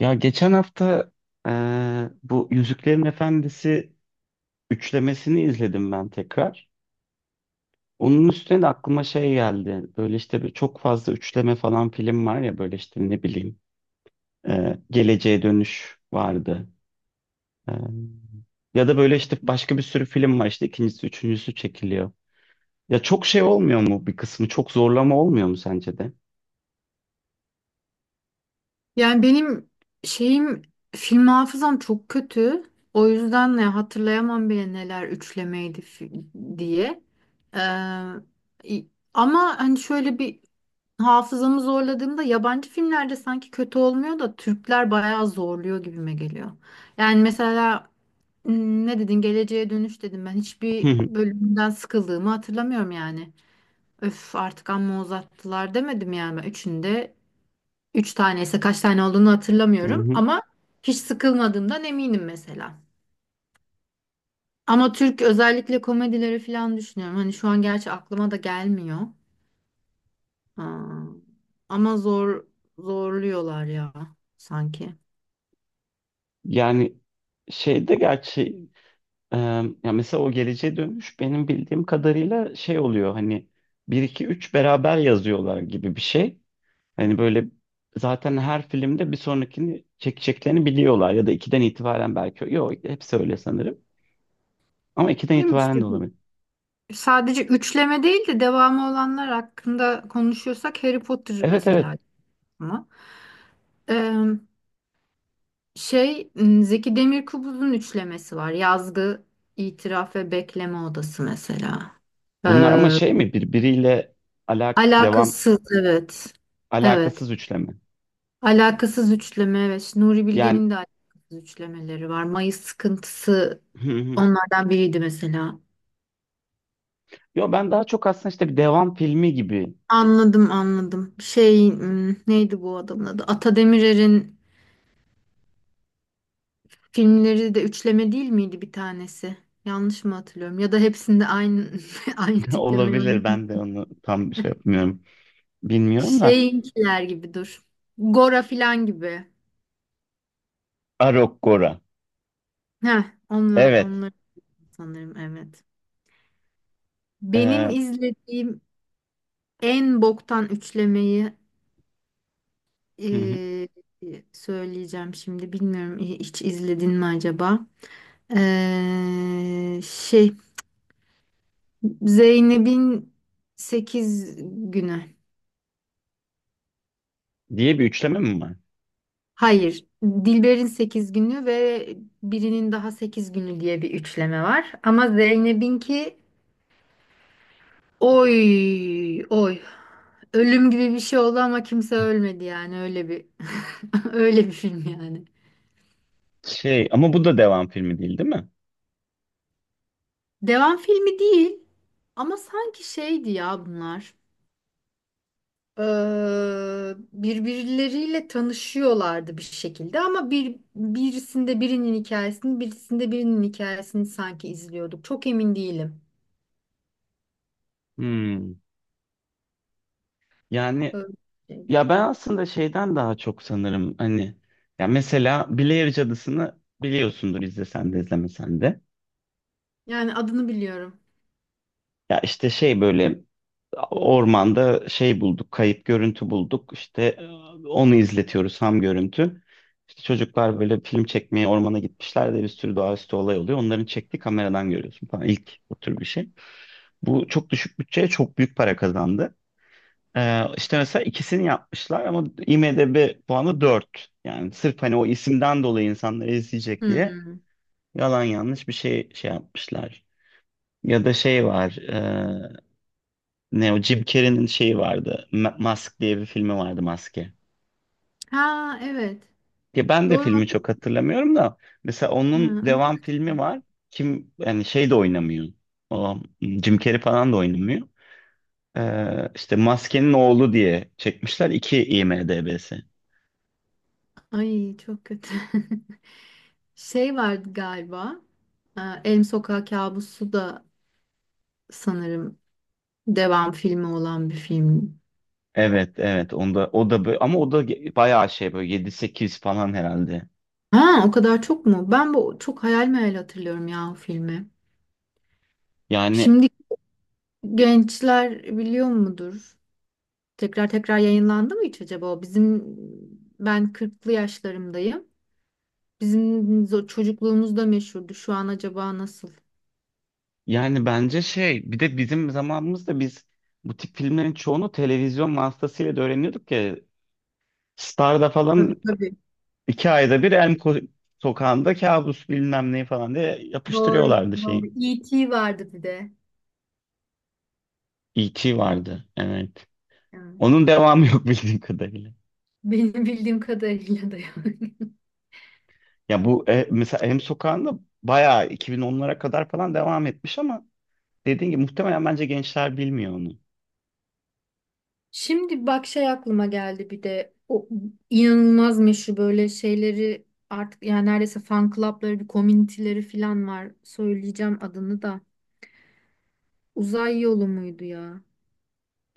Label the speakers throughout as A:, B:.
A: Ya geçen hafta, bu Yüzüklerin Efendisi üçlemesini izledim ben tekrar. Onun üstüne de aklıma şey geldi. Böyle işte bir çok fazla üçleme falan film var ya, böyle işte ne bileyim, Geleceğe Dönüş vardı. Eee, ya da böyle işte başka bir sürü film var, işte ikincisi üçüncüsü çekiliyor. Ya çok şey olmuyor mu bir kısmı? Çok zorlama olmuyor mu sence de?
B: Yani benim şeyim film hafızam çok kötü. O yüzden ne hatırlayamam bile neler üçlemeydi diye. Ee, i- ama hani şöyle bir hafızamı zorladığımda yabancı filmlerde sanki kötü olmuyor da Türkler bayağı zorluyor gibime geliyor. Yani mesela ne dedin Geleceğe Dönüş dedim, ben
A: Hı
B: hiçbir
A: hı.
B: bölümünden sıkıldığımı hatırlamıyorum yani. Öf, artık amma uzattılar demedim yani, ben üçünde. Üç tane ise kaç tane olduğunu
A: Hı
B: hatırlamıyorum
A: hı.
B: ama hiç sıkılmadığımdan eminim mesela. Ama Türk özellikle komedileri falan düşünüyorum. Hani şu an gerçi aklıma da gelmiyor. Aa, ama zorluyorlar ya sanki.
A: Yani şeyde gerçi, Ee, ya mesela o Geleceğe Dönüş benim bildiğim kadarıyla şey oluyor hani, bir 2 3 beraber yazıyorlar gibi bir şey. Hani böyle zaten her filmde bir sonrakini çekeceklerini biliyorlar, ya da 2'den itibaren belki. Yok, hepsi öyle sanırım. Ama 2'den
B: Değil mi
A: itibaren
B: işte?
A: de olabilir.
B: Sadece üçleme değil de devamı olanlar hakkında konuşuyorsak Harry Potter
A: Evet,
B: mesela.
A: evet.
B: Aklıma. Ee, Şey Zeki Demirkubuz'un üçlemesi var. Yazgı, İtiraf ve Bekleme Odası mesela.
A: Bunlar ama şey mi birbiriyle, alak devam
B: Alakasız, evet. Evet.
A: alakasız üçleme.
B: Alakasız üçleme, evet. Nuri
A: Yani.
B: Bilge'nin de alakasız üçlemeleri var. Mayıs sıkıntısı onlardan biriydi mesela.
A: Yo, ben daha çok aslında işte bir devam filmi gibi.
B: Anladım, anladım. Şey, neydi bu adamın adı? Ata Demirer'in filmleri de üçleme değil miydi bir tanesi? Yanlış mı hatırlıyorum? Ya da hepsinde aynı aynı tipleme oynuyor.
A: Olabilir. Ben de onu tam şey yapmıyorum. Bilmiyorum da.
B: Şeyinkiler gibi, dur. Gora filan gibi.
A: Arok.
B: Heh, onlar
A: Evet.
B: onlar sanırım, evet. Benim
A: Ee,
B: izlediğim en boktan üçlemeyi
A: hı hı.
B: eee, söyleyeceğim şimdi. Bilmiyorum, hiç izledin mi acaba? Şey, Zeynep'in sekiz günü.
A: Diye bir üçleme mi var?
B: Hayır, Dilber'in sekiz günü ve birinin daha sekiz günü diye bir üçleme var. Ama Zeynep'inki, oy oy. Ölüm gibi bir şey oldu ama kimse ölmedi yani, öyle bir öyle bir film yani.
A: Şey, ama bu da devam filmi değil, değil mi?
B: Devam filmi değil ama sanki şeydi ya bunlar. Birbirleriyle tanışıyorlardı bir şekilde ama bir birisinde birinin hikayesini, birisinde birinin hikayesini sanki izliyorduk. Çok emin değilim.
A: Hmm. Yani
B: Öyle bir şeydi.
A: ya ben aslında şeyden daha çok sanırım, hani ya mesela Blair Cadısı'nı biliyorsundur, izlesen de izlemesen de.
B: Yani adını biliyorum.
A: Ya işte şey böyle ormanda şey bulduk, kayıp görüntü bulduk. İşte, onu izletiyoruz, ham görüntü. İşte çocuklar böyle film çekmeye ormana gitmişler de bir sürü doğaüstü olay oluyor. Onların çektiği kameradan görüyorsun falan. İlk o tür bir şey. Bu çok düşük bütçeye çok büyük para kazandı. İşte mesela ikisini yapmışlar ama IMDb puanı 4. Yani sırf hani o isimden dolayı insanları izleyecek diye
B: Hmm.
A: yalan yanlış bir şey yapmışlar. Ya da şey var. Ne o Jim Carrey'nin şeyi vardı. Mask diye bir filmi vardı, Maske.
B: Ha, evet.
A: Ya ben de
B: Doğru.
A: filmi çok hatırlamıyorum da mesela
B: Ha,
A: onun devam
B: öyle.
A: filmi var. Kim, yani şey de oynamıyor. O Jim Carrey falan da oynamıyor. İşte Maskenin Oğlu diye çekmişler. İki IMDb'si.
B: Ay, çok kötü. Şey vardı galiba. Elm Sokağı Kabusu da sanırım devam filmi olan bir film.
A: Evet, evet, onda o da böyle ama o da bayağı şey böyle yedi sekiz falan herhalde.
B: Ha, o kadar çok mu? Ben bu çok hayal meyal hatırlıyorum ya o filmi.
A: Yani
B: Şimdi gençler biliyor mudur? Tekrar tekrar yayınlandı mı hiç acaba? O? Ben kırklı yaşlarımdayım. Bizim çocukluğumuzda meşhurdu. Şu an acaba nasıl?
A: yani bence şey, bir de bizim zamanımızda biz bu tip filmlerin çoğunu televizyon vasıtasıyla da öğreniyorduk ya. Star'da
B: Tabii,
A: falan
B: tabii.
A: iki ayda bir Sokağı'nda Kabus bilmem ne falan diye
B: Doğru,
A: yapıştırıyorlardı
B: doğru.
A: şeyi.
B: E.T. vardı bir de.
A: E.T. vardı, evet.
B: Yani
A: Onun devamı yok bildiğim kadarıyla.
B: benim bildiğim kadarıyla da yani.
A: Ya bu, mesela Em Sokağı'nda bayağı 2010'lara kadar falan devam etmiş ama dediğin gibi muhtemelen bence gençler bilmiyor onu.
B: Şimdi bak, şey aklıma geldi, bir de o inanılmaz meşhur böyle şeyleri artık yani, neredeyse fan club'ları, bir community'leri falan var. Söyleyeceğim adını da. Uzay yolu muydu ya?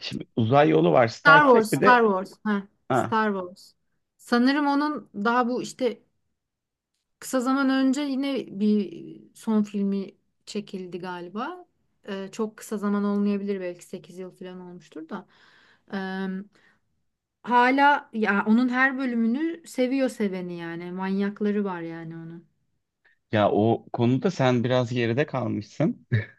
A: Şimdi Uzay Yolu var, Star
B: Star
A: Trek,
B: Wars,
A: bir
B: Star
A: de.
B: Wars. Ha,
A: ha,
B: Star Wars. Sanırım onun daha bu işte kısa zaman önce yine bir son filmi çekildi galiba. Çok kısa zaman olmayabilir, belki 8 yıl falan olmuştur da. Hala ya onun her bölümünü seviyor seveni yani. Manyakları var yani onun.
A: Ya o konuda sen biraz geride kalmışsın.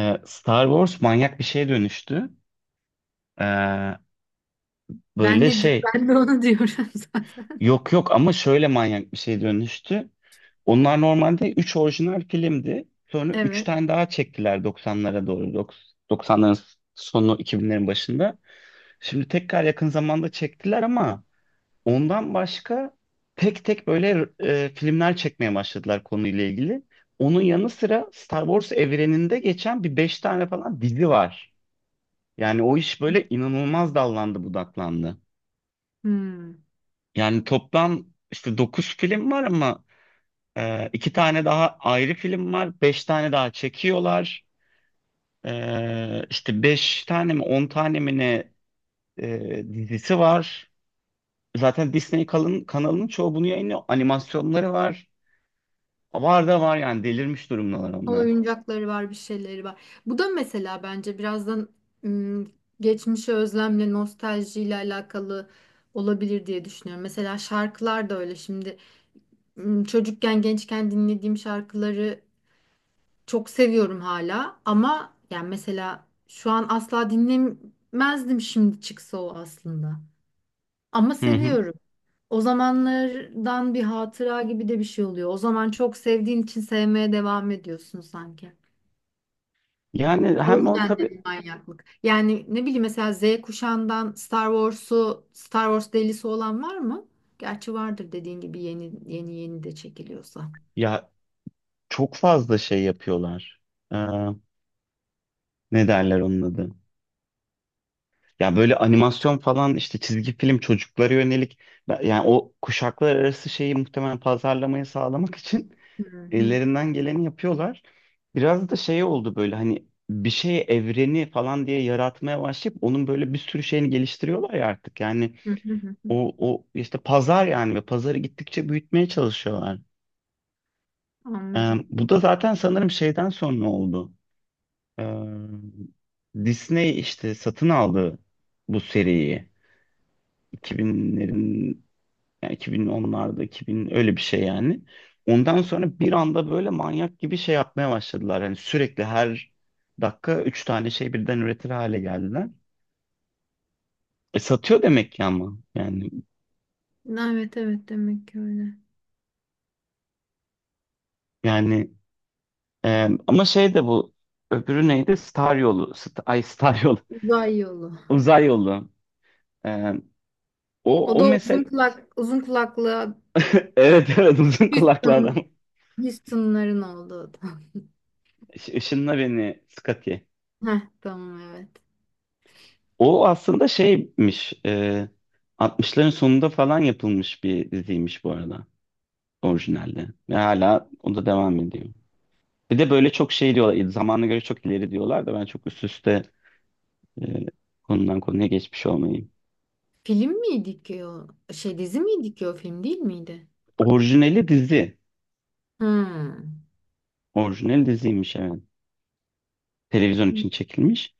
A: Star Wars manyak bir şeye dönüştü. E,
B: Ben
A: Böyle
B: ne diyorum?
A: şey,
B: Ben de onu diyorum zaten.
A: yok yok, ama şöyle manyak bir şeye dönüştü. Onlar normalde 3 orijinal filmdi. Sonra 3
B: Evet.
A: tane daha çektiler 90'lara doğru. 90'ların sonu 2000'lerin başında. Şimdi tekrar yakın zamanda çektiler ama ondan başka tek tek böyle filmler çekmeye başladılar konuyla ilgili. Onun yanı sıra Star Wars evreninde geçen bir 5 tane falan dizi var. Yani o iş böyle inanılmaz dallandı budaklandı.
B: Hmm.
A: Yani toplam işte 9 film var ama. İki tane daha ayrı film var. Beş tane daha çekiyorlar. İşte beş tane mi 10 tane mi ne, dizisi var. Zaten Disney kalın, kanalının çoğu bunu yayınlıyor. Animasyonları var. Var da var yani, delirmiş durumdalar onlar.
B: Oyuncakları var, bir şeyleri var. Bu da mesela bence birazdan ım, geçmişe özlemle, nostaljiyle alakalı olabilir diye düşünüyorum. Mesela şarkılar da öyle. Şimdi çocukken, gençken dinlediğim şarkıları çok seviyorum hala ama yani mesela şu an asla dinlemezdim, şimdi çıksa o aslında. Ama
A: Hı hı.
B: seviyorum. O zamanlardan bir hatıra gibi de bir şey oluyor. O zaman çok sevdiğin için sevmeye devam ediyorsun sanki.
A: Yani
B: O
A: hem o
B: yüzden de
A: tabii,
B: bir manyaklık. Yani ne bileyim, mesela Z kuşağından Star Wars'u, Star Wars delisi olan var mı? Gerçi vardır, dediğin gibi yeni yeni yeni de çekiliyorsa.
A: ya çok fazla şey yapıyorlar. Ee, Ne derler onun adı? Ya böyle animasyon falan, işte çizgi film çocuklara yönelik, yani o kuşaklar arası şeyi muhtemelen pazarlamayı sağlamak için
B: Hı hı.
A: ellerinden geleni yapıyorlar. Biraz da şey oldu böyle hani, bir şey evreni falan diye yaratmaya başlayıp onun böyle bir sürü şeyini geliştiriyorlar ya artık. Yani
B: Hı hı, hı hı.
A: o işte pazar yani, ve pazarı gittikçe büyütmeye çalışıyorlar.
B: Anladım.
A: Bu da zaten sanırım şeyden sonra oldu. Ee, Disney işte satın aldı bu seriyi. 2000'lerin. Yani 2010'larda 2000, öyle bir şey yani. Ondan sonra bir anda böyle manyak gibi şey yapmaya başladılar. Yani sürekli her dakika üç tane şey birden üretir hale geldiler. Satıyor demek ki ama yani
B: Evet, evet, demek ki öyle.
A: yani ama şey de bu, öbürü neydi? Star yolu. St Ay Star yolu.
B: Uzay yolu.
A: Uzay yolu. E, o
B: O
A: o
B: da uzun
A: mesel
B: kulak, uzun kulaklı.
A: Evet, evet, uzun kulaklı adam.
B: Houston, Houston'ların olduğu da.
A: Işınla beni Scotty.
B: Heh, tamam, evet.
A: O aslında şeymiş, 60'ların sonunda falan yapılmış bir diziymiş bu arada orijinalde. Ve hala o da devam ediyor. Bir de böyle çok şey diyorlar, zamana göre çok ileri diyorlar da, ben çok üst üste, e, konudan konuya geçmiş olmayayım.
B: Film miydi ki o? Şey, dizi miydi ki, o film değil miydi?
A: Orijinali dizi.
B: Hmm.
A: Orijinal diziymiş, evet. Televizyon
B: Hı
A: için çekilmiş.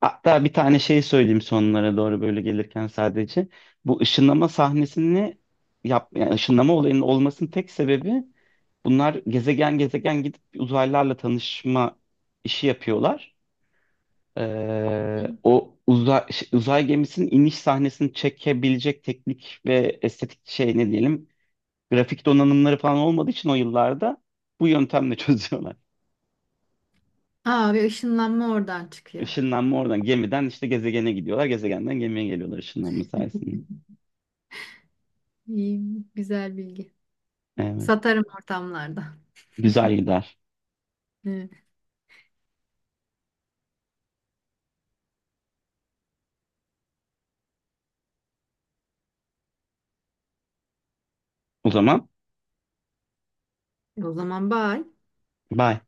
A: Hatta bir tane şey söyleyeyim sonlara doğru böyle gelirken, sadece. Bu ışınlama sahnesini yap, yani ışınlama olayının olmasının tek sebebi: Bunlar gezegen gezegen gidip uzaylılarla tanışma işi yapıyorlar.
B: hı.
A: O uzay, şey, uzay gemisinin iniş sahnesini çekebilecek teknik ve estetik şey, ne diyelim, grafik donanımları falan olmadığı için o yıllarda bu yöntemle çözüyorlar.
B: Aa, ve ışınlanma oradan çıkıyor.
A: Işınlanma oradan, gemiden işte gezegene gidiyorlar. Gezegenden gemiye geliyorlar ışınlanma sayesinde.
B: İyi, güzel bilgi.
A: Evet.
B: Satarım ortamlarda.
A: Güzel gider.
B: Evet.
A: O zaman
B: O zaman bye.
A: bye.